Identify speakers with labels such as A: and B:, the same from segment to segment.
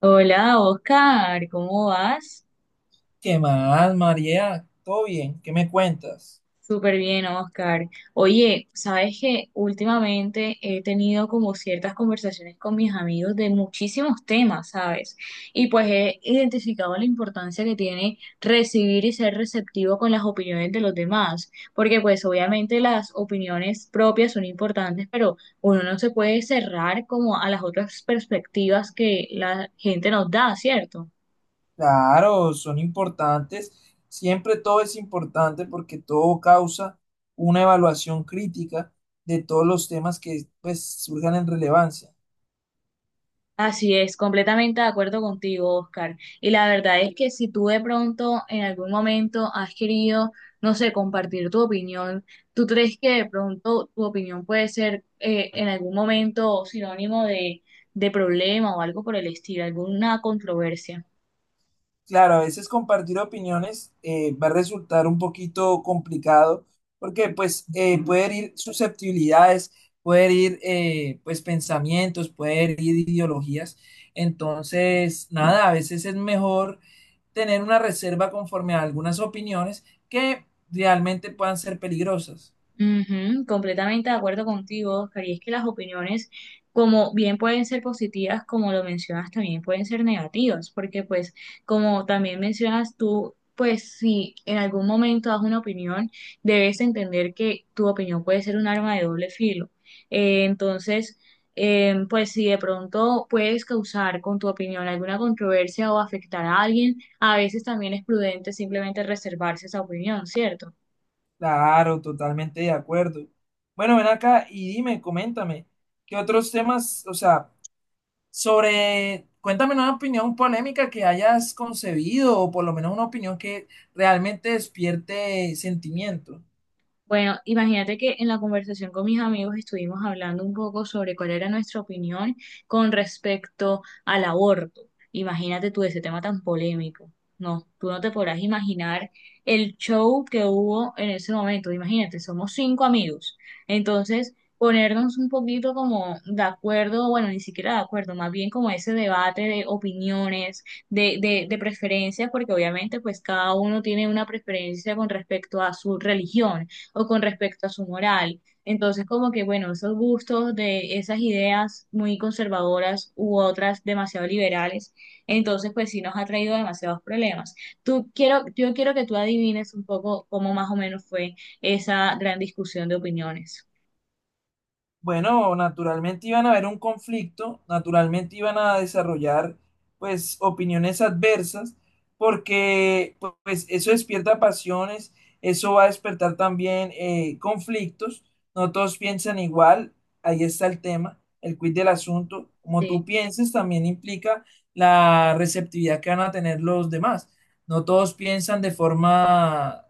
A: Hola, Oscar, ¿cómo vas?
B: ¿Qué más, María? ¿Todo bien? ¿Qué me cuentas?
A: Súper bien, Oscar. Oye, sabes que últimamente he tenido como ciertas conversaciones con mis amigos de muchísimos temas, ¿sabes? Y pues he identificado la importancia que tiene recibir y ser receptivo con las opiniones de los demás, porque pues obviamente las opiniones propias son importantes, pero uno no se puede cerrar como a las otras perspectivas que la gente nos da, ¿cierto?
B: Claro, son importantes. Siempre todo es importante porque todo causa una evaluación crítica de todos los temas que pues, surjan en relevancia.
A: Así es, completamente de acuerdo contigo, Oscar. Y la verdad es que si tú de pronto en algún momento has querido, no sé, compartir tu opinión, ¿tú crees que de pronto tu opinión puede ser en algún momento sinónimo de problema o algo por el estilo, alguna controversia?
B: Claro, a veces compartir opiniones va a resultar un poquito complicado porque pues puede herir susceptibilidades, puede herir pues pensamientos, puede herir ideologías. Entonces, nada, a veces es mejor tener una reserva conforme a algunas opiniones que realmente puedan ser peligrosas.
A: Ujú, completamente de acuerdo contigo, Oscar. Y es que las opiniones, como bien pueden ser positivas, como lo mencionas, también pueden ser negativas, porque pues, como también mencionas tú, pues si en algún momento das una opinión, debes entender que tu opinión puede ser un arma de doble filo. Entonces, pues si de pronto puedes causar con tu opinión alguna controversia o afectar a alguien, a veces también es prudente simplemente reservarse esa opinión, ¿cierto?
B: Claro, totalmente de acuerdo. Bueno, ven acá y dime, coméntame, ¿qué otros temas, o sea, sobre, cuéntame una opinión polémica que hayas concebido o por lo menos una opinión que realmente despierte sentimiento?
A: Bueno, imagínate que en la conversación con mis amigos estuvimos hablando un poco sobre cuál era nuestra opinión con respecto al aborto. Imagínate tú ese tema tan polémico. No, tú no te podrás imaginar el show que hubo en ese momento. Imagínate, somos cinco amigos. Entonces, ponernos un poquito como de acuerdo, bueno, ni siquiera de acuerdo, más bien como ese debate de opiniones, de preferencias, porque obviamente pues cada uno tiene una preferencia con respecto a su religión o con respecto a su moral. Entonces, como que, bueno, esos gustos de esas ideas muy conservadoras u otras demasiado liberales, entonces, pues sí nos ha traído demasiados problemas. Yo quiero que tú adivines un poco cómo más o menos fue esa gran discusión de opiniones.
B: Bueno, naturalmente iban a haber un conflicto, naturalmente iban a desarrollar pues opiniones adversas, porque pues eso despierta pasiones, eso va a despertar también conflictos, no todos piensan igual, ahí está el tema, el quid del asunto, como tú
A: Sí.
B: pienses también implica la receptividad que van a tener los demás, no todos piensan de forma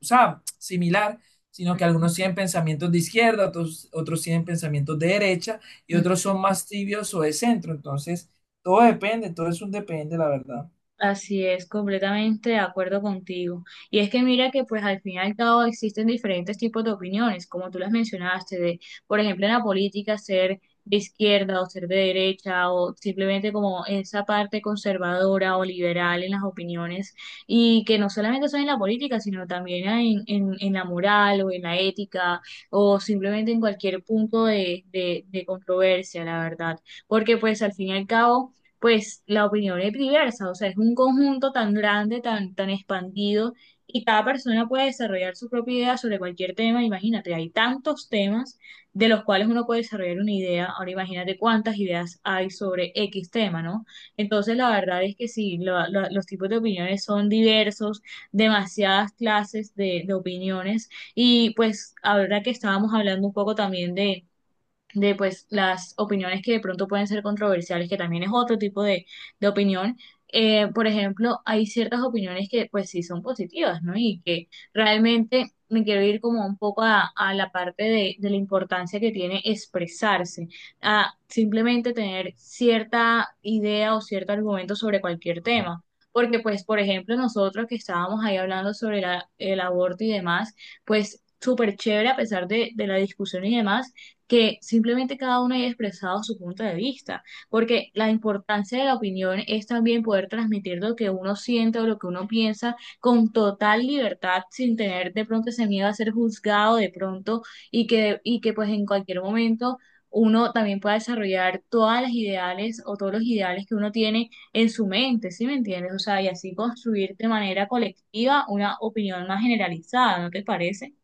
B: o sea, similar, sino que
A: Ujú,
B: algunos tienen pensamientos de izquierda, otros, tienen pensamientos de derecha y
A: ujú.
B: otros son más tibios o de centro. Entonces, todo depende, todo es un depende, la verdad.
A: Así es, completamente de acuerdo contigo. Y es que mira que pues al fin y al cabo existen diferentes tipos de opiniones, como tú las mencionaste, de, por ejemplo, en la política ser de izquierda o ser de derecha o simplemente como esa parte conservadora o liberal en las opiniones y que no solamente son en la política, sino también en la moral o en la ética o simplemente en cualquier punto de controversia, la verdad. Porque pues al fin y al cabo pues la opinión es diversa, o sea, es un conjunto tan grande, tan expandido, y cada persona puede desarrollar su propia idea sobre cualquier tema. Imagínate, hay tantos temas de los cuales uno puede desarrollar una idea. Ahora imagínate cuántas ideas hay sobre X tema, ¿no? Entonces, la verdad es que sí, los tipos de opiniones son diversos, demasiadas clases de opiniones, y pues ahora que estábamos hablando un poco también de pues las opiniones que de pronto pueden ser controversiales, que también es otro tipo de opinión. Por ejemplo, hay ciertas opiniones que pues sí son positivas, ¿no? Y que realmente me quiero ir como un poco a la parte de la importancia que tiene expresarse, a simplemente tener cierta idea o cierto argumento sobre cualquier tema. Porque pues, por ejemplo, nosotros que estábamos ahí hablando sobre el aborto y demás, pues súper chévere a pesar de la discusión y demás que simplemente cada uno haya expresado su punto de vista, porque la importancia de la opinión es también poder transmitir lo que uno siente o lo que uno piensa con total libertad, sin tener de pronto ese miedo a ser juzgado de pronto y que pues en cualquier momento uno también pueda desarrollar todas las ideales o todos los ideales que uno tiene en su mente, ¿sí me entiendes? O sea, y así construir de manera colectiva una opinión más generalizada, ¿no te parece?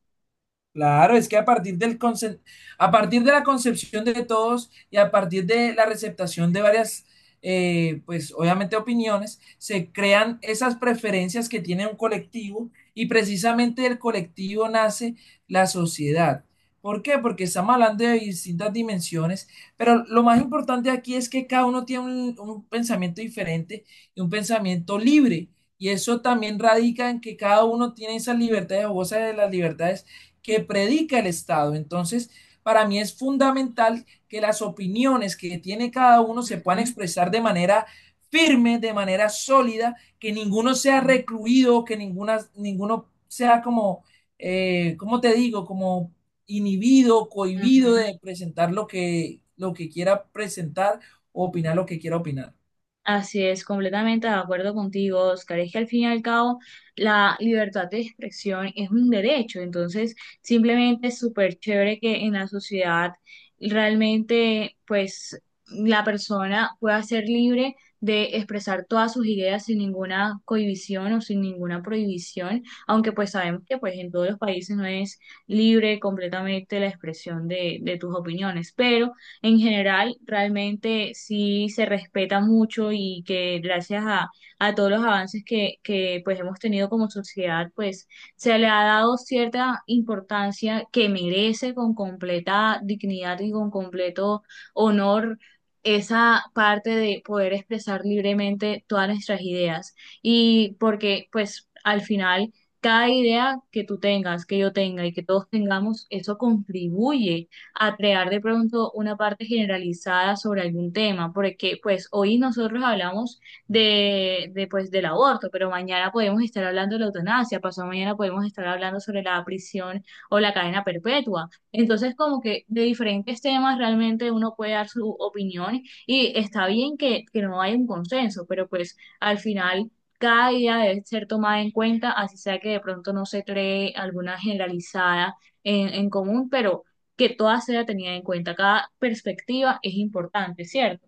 B: Claro, es que a partir de la concepción de todos y a partir de la receptación de varias, pues obviamente opiniones, se crean esas preferencias que tiene un colectivo y precisamente del colectivo nace la sociedad. ¿Por qué? Porque estamos hablando de distintas dimensiones, pero lo más importante aquí es que cada uno tiene un pensamiento diferente y un pensamiento libre. Y eso también radica en que cada uno tiene esas libertades o goza de las libertades que predica el Estado. Entonces, para mí es fundamental que las opiniones que tiene cada uno se puedan
A: Ujú,
B: expresar de manera firme, de manera sólida, que ninguno sea
A: ujú,
B: recluido, que ninguno sea como, ¿cómo te digo? Como inhibido, cohibido
A: ujú.
B: de presentar lo que quiera presentar o opinar lo que quiera opinar.
A: Así es, completamente de acuerdo contigo, Oscar. Es que al fin y al cabo la libertad de expresión es un derecho, entonces simplemente es súper chévere que en la sociedad realmente pues la persona pueda ser libre de expresar todas sus ideas sin ninguna cohibición o sin ninguna prohibición, aunque pues sabemos que pues en todos los países no es libre completamente la expresión de tus opiniones, pero en general realmente sí se respeta mucho y que gracias a todos los avances que pues hemos tenido como sociedad, pues se le ha dado cierta importancia que merece con completa dignidad y con completo honor esa parte de poder expresar libremente todas nuestras ideas. Y porque pues al final cada idea que tú tengas, que yo tenga y que todos tengamos, eso contribuye a crear de pronto una parte generalizada sobre algún tema, porque pues hoy nosotros hablamos pues del aborto, pero mañana podemos estar hablando de la eutanasia, pasado mañana podemos estar hablando sobre la prisión o la cadena perpetua. Entonces, como que de diferentes temas realmente uno puede dar su opinión y está bien que no haya un consenso, pero pues al final cada idea debe ser tomada en cuenta, así sea que de pronto no se cree alguna generalizada en común, pero que todas sea tenida en cuenta. Cada perspectiva es importante, ¿cierto?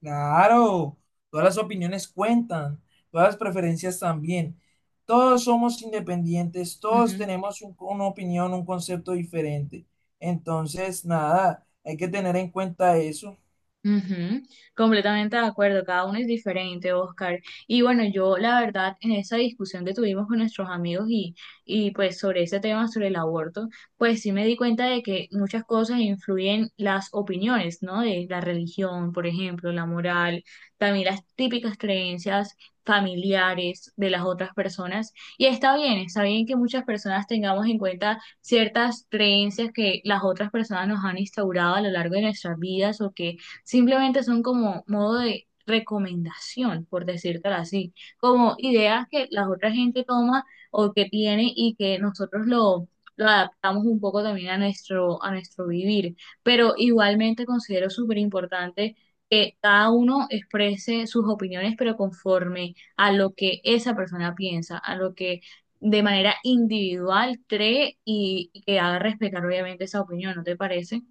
B: Claro, todas las opiniones cuentan, todas las preferencias también. Todos somos independientes, todos tenemos una opinión, un concepto diferente. Entonces, nada, hay que tener en cuenta eso.
A: Ujú, completamente de acuerdo, cada uno es diferente, Oscar. Y bueno, yo la verdad en esa discusión que tuvimos con nuestros amigos y pues sobre ese tema, sobre el aborto, pues sí me di cuenta de que muchas cosas influyen las opiniones, ¿no? De la religión, por ejemplo, la moral, también las típicas creencias familiares de las otras personas. Y está bien que muchas personas tengamos en cuenta ciertas creencias que las otras personas nos han instaurado a lo largo de nuestras vidas o que simplemente son como modo de recomendación, por decírtelo así, como ideas que la otra gente toma o que tiene y que nosotros lo adaptamos un poco también a nuestro vivir. Pero igualmente considero súper importante que cada uno exprese sus opiniones, pero conforme a lo que esa persona piensa, a lo que de manera individual cree y que haga respetar obviamente esa opinión, ¿no te parece?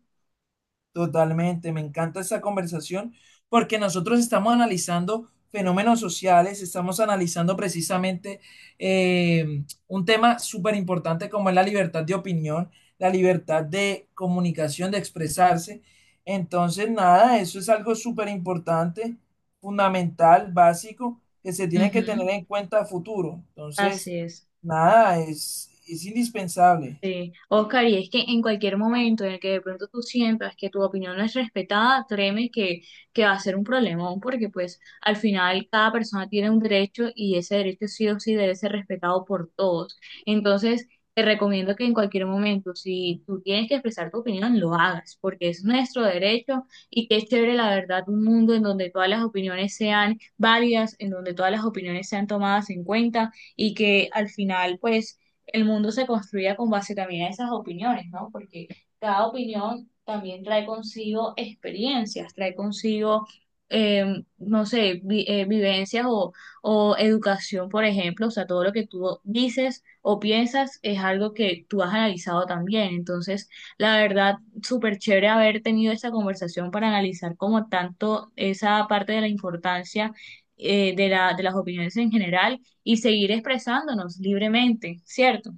B: Totalmente, me encanta esa conversación porque nosotros estamos analizando fenómenos sociales, estamos analizando precisamente un tema súper importante como es la libertad de opinión, la libertad de comunicación, de expresarse. Entonces, nada, eso es algo súper importante, fundamental, básico, que se tiene que
A: Ujú.
B: tener en cuenta a futuro. Entonces,
A: Así es.
B: nada, es indispensable.
A: Sí, Oscar, y es que en cualquier momento en el que de pronto tú sientas que tu opinión no es respetada, créeme que va a ser un problemón, porque pues al final cada persona tiene un derecho y ese derecho sí o sí debe ser respetado por todos. Entonces, te recomiendo que en cualquier momento, si tú tienes que expresar tu opinión, lo hagas, porque es nuestro derecho y qué chévere, la verdad, un mundo en donde todas las opiniones sean válidas, en donde todas las opiniones sean tomadas en cuenta y que al final, pues el mundo se construya con base también a esas opiniones, ¿no? Porque cada opinión también trae consigo experiencias, trae consigo, no sé, vivencias o educación, por ejemplo, o sea, todo lo que tú dices o piensas es algo que tú has analizado también. Entonces, la verdad, súper chévere haber tenido esta conversación para analizar como tanto esa parte de la importancia de la, de las opiniones en general y seguir expresándonos libremente, ¿cierto?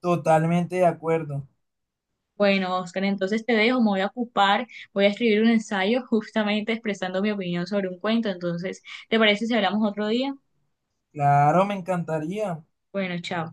B: Totalmente de acuerdo.
A: Bueno, Oscar, entonces te dejo, me voy a ocupar, voy a escribir un ensayo justamente expresando mi opinión sobre un cuento, entonces, ¿te parece si hablamos otro día?
B: Claro, me encantaría.
A: Bueno, chao.